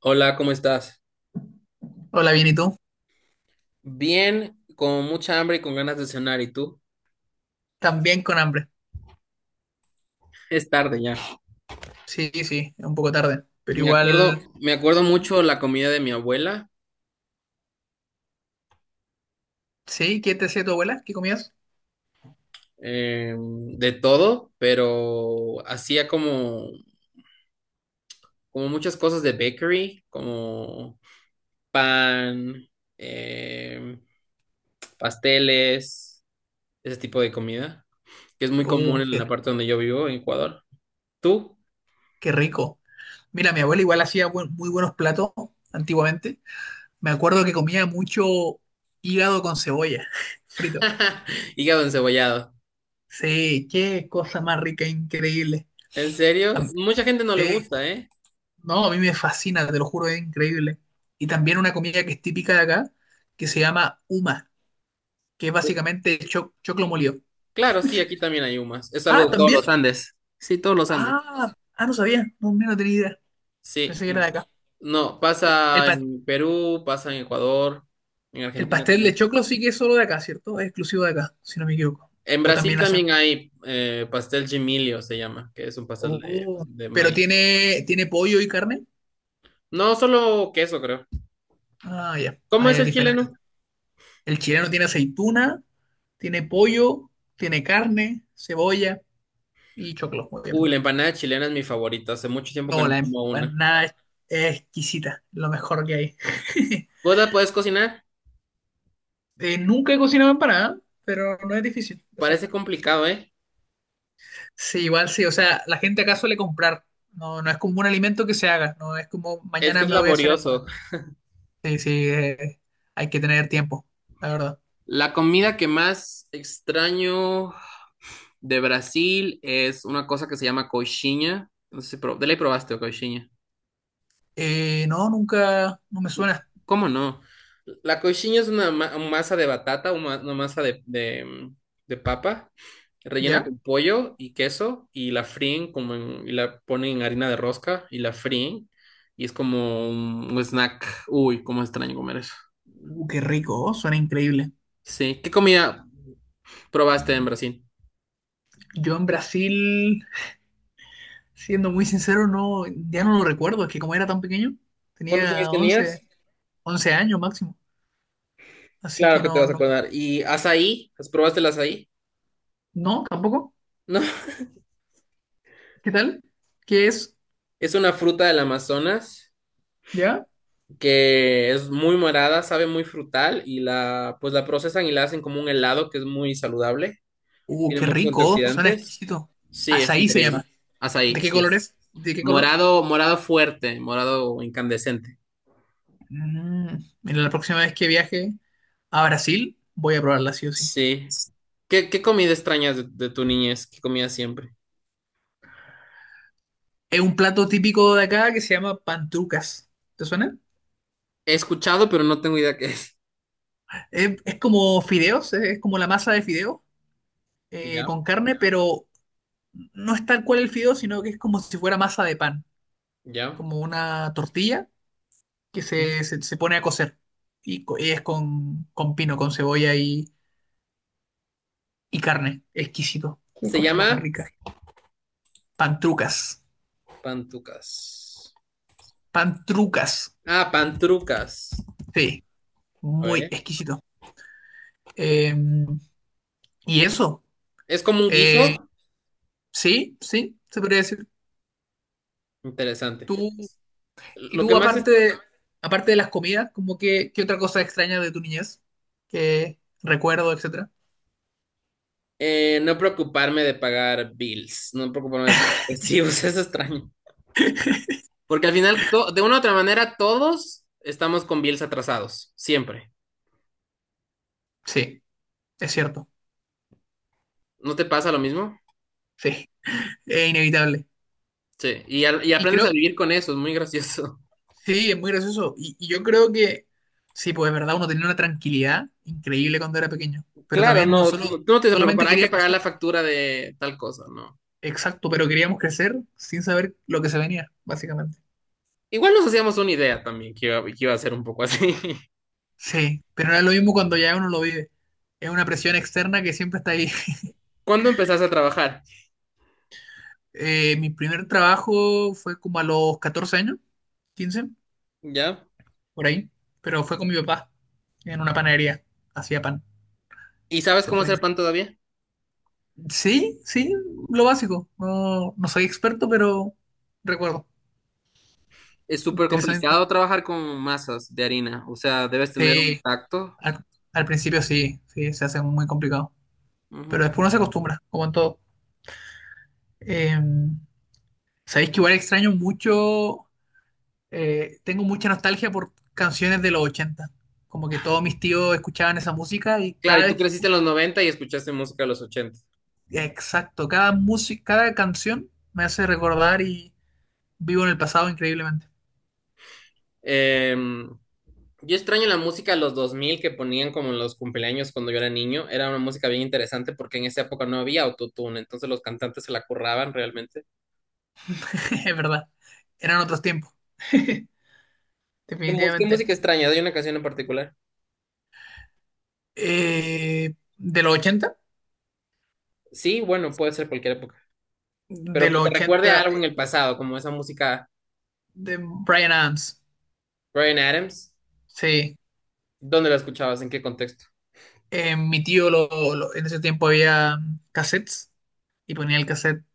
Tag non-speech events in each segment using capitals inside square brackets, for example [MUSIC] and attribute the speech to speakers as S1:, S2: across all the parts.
S1: Hola, ¿cómo estás?
S2: Hola, bien, ¿y tú?
S1: Bien, con mucha hambre y con ganas de cenar, ¿y tú?
S2: También con hambre.
S1: Es tarde ya.
S2: Sí, sí, es un poco tarde, pero igual,
S1: Me acuerdo mucho la comida de mi abuela.
S2: sí, ¿qué te hacía tu abuela? ¿Qué comías?
S1: De todo, pero hacía como, como muchas cosas de bakery, como pan, eh, pasteles, ese tipo de comida, que es muy común
S2: Uh,
S1: en
S2: qué,
S1: la parte donde yo vivo, en Ecuador. ¿Tú?
S2: qué rico. Mira, mi abuela igual hacía muy buenos platos antiguamente. Me acuerdo que comía mucho hígado con cebolla, [LAUGHS] frito.
S1: [LAUGHS] Hígado encebollado.
S2: Sí, qué cosa más rica, increíble.
S1: ¿En serio?
S2: Am-
S1: Mucha gente no le
S2: Sí,
S1: gusta, ¿eh?
S2: no, a mí me fascina, te lo juro, es increíble. Y también una comida que es típica de acá, que se llama uma, que es básicamente choclo molido.
S1: Claro, sí, aquí también hay humas. Es algo
S2: Ah,
S1: de todos
S2: ¿también?
S1: los Andes. Sí, todos los Andes.
S2: Ah, no sabía. No, mira, no tenía idea.
S1: Sí.
S2: Pensé que era de acá.
S1: No,
S2: Y
S1: pasa en Perú, pasa en Ecuador, en
S2: el
S1: Argentina
S2: pastel de
S1: también.
S2: choclo sí que es solo de acá, ¿cierto? Es exclusivo de acá, si no me equivoco.
S1: En
S2: O
S1: Brasil
S2: también hacen.
S1: también hay pastel gemilio, se llama, que es un pastel de,
S2: Oh,
S1: de
S2: pero
S1: maíz.
S2: tiene pollo y carne.
S1: No, solo queso, creo.
S2: Ah, ya.
S1: ¿Cómo
S2: Ahí
S1: es
S2: es
S1: el
S2: diferente.
S1: chileno?
S2: El chileno tiene aceituna, tiene pollo, tiene carne, cebolla y choclo,
S1: Uy, la
S2: obviamente.
S1: empanada chilena es mi favorita. Hace mucho tiempo que
S2: No,
S1: no
S2: la
S1: como una.
S2: empanada es exquisita, lo mejor que hay. [LAUGHS]
S1: ¿Vos la podés cocinar?
S2: Nunca he cocinado empanada, pero no es difícil de hacer.
S1: Parece complicado, ¿eh?
S2: Sí, igual sí, o sea, la gente acá suele comprar, no, no es como un alimento que se haga, no es como
S1: Es que
S2: mañana
S1: es
S2: me voy a hacer empanada.
S1: laborioso.
S2: Sí, sí, hay que tener tiempo, la verdad.
S1: La comida que más extraño. De Brasil es una cosa que se llama coxinha. No sé si de ley probaste coxinha.
S2: No, nunca, no me suena,
S1: ¿Cómo no? La coxinha es una masa de batata, una masa de papa, rellena
S2: ¿ya?
S1: con pollo y queso y la fríen y la ponen en harina de rosca y la fríen, y es como un snack. Uy, cómo extraño comer eso.
S2: Qué rico, oh, suena increíble.
S1: Sí, ¿qué comida probaste en Brasil?
S2: Yo en Brasil, siendo muy sincero, no, ya no lo recuerdo, es que como era tan pequeño,
S1: ¿Cuántos años
S2: tenía
S1: tenías?
S2: once años máximo, así que
S1: Claro que te
S2: no,
S1: vas a
S2: no,
S1: acordar. ¿Y azaí? ¿Has probaste el azaí?
S2: no, tampoco.
S1: No. [LAUGHS]
S2: ¿Qué tal? ¿Qué es?
S1: Es una fruta del Amazonas
S2: ¿Ya?
S1: que es muy morada, sabe muy frutal y la procesan y la hacen como un helado que es muy saludable y
S2: Uh,
S1: tiene
S2: qué
S1: muchos
S2: rico, oh, suena
S1: antioxidantes.
S2: exquisito.
S1: Sí, es
S2: Açaí se
S1: increíble.
S2: llama. ¿De
S1: Azaí,
S2: qué
S1: sí.
S2: color es? ¿De qué color?
S1: Morado, morado fuerte, morado incandescente.
S2: Mm, mira, la próxima vez que viaje a Brasil, voy a probarla sí o sí.
S1: Sí. ¿Qué comida extrañas de tu niñez? ¿Qué comías siempre?
S2: Es un plato típico de acá que se llama pantrucas. ¿Te suena?
S1: He escuchado, pero no tengo idea qué es.
S2: Es como fideos, como la masa de fideos
S1: [LAUGHS] Ya,
S2: con carne, pero no es tal cual el fideo, sino que es como si fuera masa de pan,
S1: ya.
S2: como una tortilla que
S1: Mm.
S2: se pone a cocer. Y es con pino, con cebolla y carne. Exquisito. Qué
S1: Se
S2: cosa más
S1: llama
S2: rica. Pantrucas.
S1: pantucas.
S2: Pantrucas.
S1: Ah, pantrucas.
S2: Sí,
S1: A
S2: muy
S1: ver.
S2: exquisito. Eh, y eso,
S1: ¿Es como un
S2: eh,
S1: guiso?
S2: sí, sí, se podría decir.
S1: Interesante.
S2: Tú, y
S1: Lo que
S2: tú,
S1: más es
S2: aparte de las comidas, como que, ¿qué otra cosa extraña de tu niñez? Que recuerdo, etcétera.
S1: no preocuparme de pagar bills, no preocuparme de pagar recibos, [LAUGHS] eso es extraño. Porque al final, de una u otra manera, todos estamos con bills atrasados, siempre.
S2: Sí, es cierto,
S1: ¿No te pasa lo mismo?
S2: sí, es inevitable.
S1: Sí, y
S2: Y
S1: aprendes a
S2: creo,
S1: vivir con eso, es muy gracioso. [LAUGHS]
S2: sí, es muy gracioso. Y yo creo que, sí, pues es verdad, uno tenía una tranquilidad increíble cuando era pequeño, pero
S1: Claro,
S2: también uno
S1: no,
S2: solo,
S1: tú no te tienes que preocupar,
S2: solamente
S1: hay que
S2: quería
S1: pagar
S2: crecer.
S1: la factura de tal cosa, ¿no?
S2: Exacto, pero queríamos crecer sin saber lo que se venía, básicamente.
S1: Igual nos hacíamos una idea también que iba a ser un poco así. [LAUGHS]
S2: Sí, pero no es lo mismo cuando ya uno lo vive. Es una presión externa que siempre está ahí. [LAUGHS]
S1: ¿Cuándo empezaste a trabajar?
S2: Mi primer trabajo fue como a los 14 años, 15,
S1: ¿Ya?
S2: por ahí, pero fue con mi papá en una panadería. Hacía pan.
S1: ¿Y sabes
S2: Se
S1: cómo
S2: fue.
S1: hacer pan todavía?
S2: Sí, sí, lo básico. No, no soy experto, pero recuerdo.
S1: Es súper
S2: Interesante.
S1: complicado trabajar con masas de harina, o sea, debes tener un
S2: Sí,
S1: tacto.
S2: al, al principio sí, sí, se hace muy complicado. Pero
S1: Ujú.
S2: después uno se acostumbra, como en todo. Eh, sabéis que igual extraño mucho tengo mucha nostalgia por canciones de los ochenta. Como que todos mis tíos escuchaban esa música y
S1: Claro, y
S2: cada
S1: tú
S2: vez que
S1: creciste en los
S2: escucho,
S1: 90 y escuchaste música de los 80.
S2: exacto, cada canción me hace recordar y vivo en el pasado increíblemente.
S1: Em, yo extraño la música de los 2000 que ponían como en los cumpleaños cuando yo era niño. Era una música bien interesante porque en esa época no había autotune, entonces los cantantes se la curraban realmente.
S2: [LAUGHS] Es verdad, eran otros tiempos, [LAUGHS]
S1: ¿Qué
S2: definitivamente.
S1: música extraña? ¿Hay una canción en particular?
S2: De los ochenta,
S1: Sí, bueno, puede ser cualquier época,
S2: de
S1: pero que
S2: los
S1: te recuerde a
S2: 80
S1: algo
S2: eh,
S1: en el pasado, como esa música.
S2: de Brian Adams,
S1: Bryan Adams.
S2: sí.
S1: ¿Dónde la escuchabas? ¿En qué contexto?
S2: Mi tío en ese tiempo había cassettes y ponía el cassette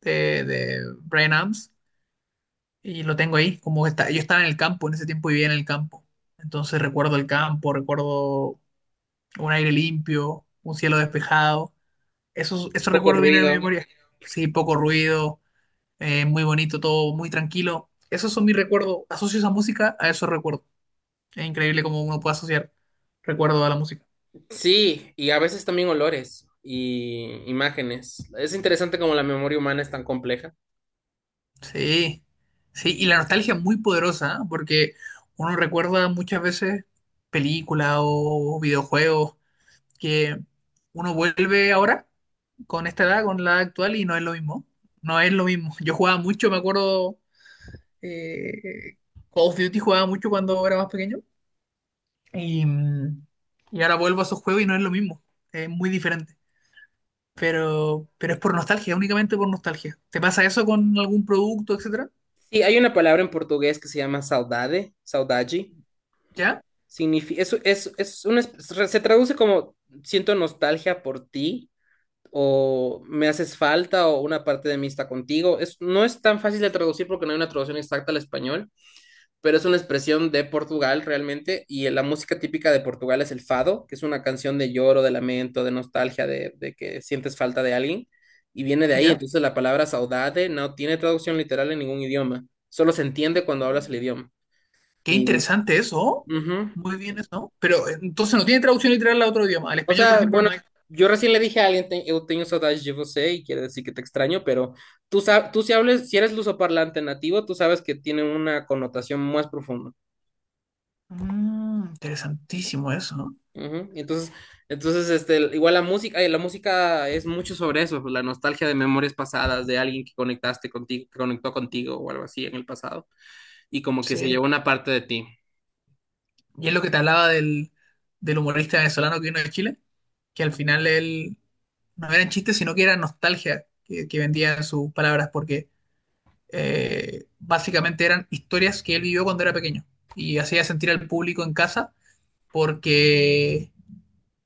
S2: de Brian Adams. Y lo tengo ahí, como que está, yo estaba en el campo, en ese tiempo vivía en el campo. Entonces recuerdo el campo, recuerdo un aire limpio, un cielo despejado. Esos
S1: Poco
S2: recuerdos vienen a mi
S1: ruido.
S2: memoria. Sí, poco ruido, muy bonito todo, muy tranquilo. Esos son mis recuerdos. Asocio esa música a esos recuerdos. Es increíble cómo uno puede asociar recuerdos a la música.
S1: Sí, y a veces también olores y imágenes. Es interesante cómo la memoria humana es tan compleja.
S2: Sí, sí, y la nostalgia es muy poderosa, ¿eh? Porque uno recuerda muchas veces películas o videojuegos que uno vuelve ahora con esta edad, con la edad actual, y no es lo mismo. No es lo mismo. [LAUGHS] Yo jugaba mucho, me acuerdo, eh, Call of Duty jugaba mucho cuando era más pequeño, y, mm, y ahora vuelvo a esos juegos y no es lo mismo. Es muy diferente. Pero es por nostalgia, únicamente por nostalgia. ¿Te pasa eso con algún producto, etcétera?
S1: Sí, hay una palabra en portugués que se llama saudade, saudade.
S2: ¿Ya?
S1: Significa, se traduce como siento nostalgia por ti o me haces falta o una parte de mí está contigo. Es, no es tan fácil de traducir porque no hay una traducción exacta al español, pero es una expresión de Portugal realmente, y la música típica de Portugal es el fado, que es una canción de lloro, de lamento, de nostalgia, de que sientes falta de alguien, y viene de ahí.
S2: ¿Ya?
S1: Entonces, la palabra saudade no tiene traducción literal en ningún idioma, solo se entiende cuando hablas el idioma.
S2: Qué
S1: Y,
S2: interesante eso.
S1: ujú.
S2: Muy bien eso. Pero entonces no tiene traducción literal a otro idioma. Al
S1: O
S2: español, por
S1: sea,
S2: ejemplo,
S1: bueno,
S2: no hay.
S1: yo recién le dije a alguien, eu tenho saudades de você, y quiere decir que te extraño, pero tú si hables, si eres lusoparlante nativo, tú sabes que tiene una connotación más profunda.
S2: Interesantísimo eso, ¿no?
S1: Ujú. Entonces este, igual la música es mucho sobre eso, pues, la nostalgia de memorias pasadas, de alguien que conectaste contigo, que conectó contigo o algo así en el pasado, y como que se
S2: Sí,
S1: llevó una parte de ti,
S2: y es lo que te hablaba del humorista venezolano que vino de Chile, que al final él no eran chistes, sino que era nostalgia que vendía en sus palabras, porque básicamente eran historias que él vivió cuando era pequeño y hacía sentir al público en casa porque,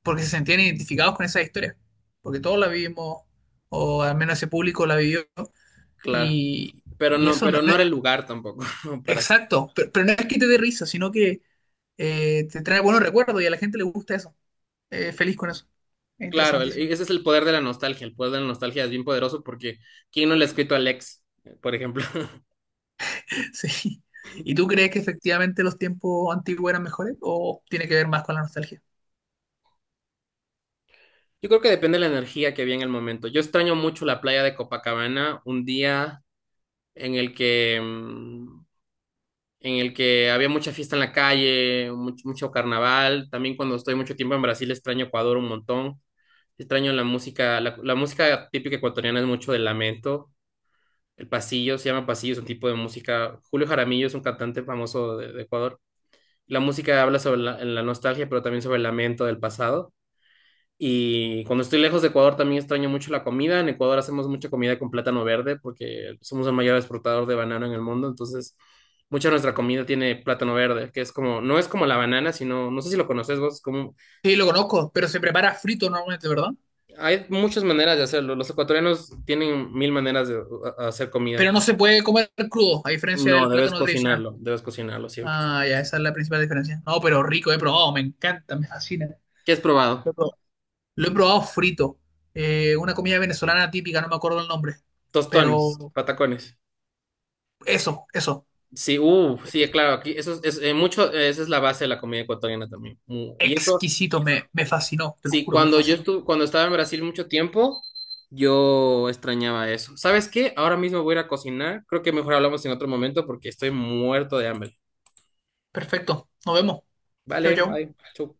S2: porque se sentían identificados con esas historias, porque todos la vivimos, o al menos ese público la vivió,
S1: claro,
S2: y,
S1: pero
S2: y
S1: no,
S2: eso no,
S1: pero
S2: no
S1: no
S2: es
S1: era el lugar tampoco [LAUGHS] para.
S2: exacto, pero no es que te dé risa, sino que te trae buenos recuerdos y a la gente le gusta eso. Feliz con eso. Es
S1: Claro,
S2: interesantísimo. [LAUGHS]
S1: ese es el poder de la nostalgia, el poder de la nostalgia es bien poderoso porque ¿quién no le ha escrito al ex, por ejemplo? [LAUGHS]
S2: Sí. ¿Y tú crees que efectivamente los tiempos antiguos eran mejores o tiene que ver más con la nostalgia?
S1: Yo creo que depende de la energía que había en el momento. Yo extraño mucho la playa de Copacabana, un día en el que en el que había mucha fiesta en la calle, mucho, mucho carnaval. También cuando estoy mucho tiempo en Brasil extraño Ecuador un montón. Extraño la música, la música típica ecuatoriana es mucho del lamento. El pasillo, se llama pasillo, es un tipo de música. Julio Jaramillo es un cantante famoso de Ecuador. La música habla sobre la nostalgia, pero también sobre el lamento del pasado. Y cuando estoy lejos de Ecuador también extraño mucho la comida. En Ecuador hacemos mucha comida con plátano verde porque somos el mayor exportador de banano en el mundo. Entonces, mucha de nuestra comida tiene plátano verde, que es como, no es como la banana, sino, no sé si lo conoces vos, es como,
S2: Sí, lo conozco, pero se prepara frito normalmente, ¿verdad?
S1: hay muchas maneras de hacerlo. Los ecuatorianos tienen mil maneras de hacer comida.
S2: Pero no se puede comer crudo, a diferencia
S1: No,
S2: del plátano tradicional.
S1: debes cocinarlo siempre.
S2: Ah, ya, esa es la principal diferencia. No, pero rico, he probado, me encanta, me fascina.
S1: ¿Qué has probado?
S2: Lo he probado, Lo he probado frito. Una comida venezolana típica, no me acuerdo el nombre.
S1: Tostones,
S2: Pero
S1: patacones.
S2: eso, eso.
S1: Sí, sí, claro, aquí eso es, mucho, esa es la base de la comida ecuatoriana también. Y eso.
S2: Exquisito, me fascinó, te lo
S1: Sí,
S2: juro, me
S1: cuando yo
S2: fascinó.
S1: estuve, cuando estaba en Brasil mucho tiempo, yo extrañaba eso. ¿Sabes qué? Ahora mismo voy a ir a cocinar. Creo que mejor hablamos en otro momento porque estoy muerto de hambre.
S2: Perfecto, nos vemos. Chau,
S1: Vale, bye.
S2: chau.
S1: Chau.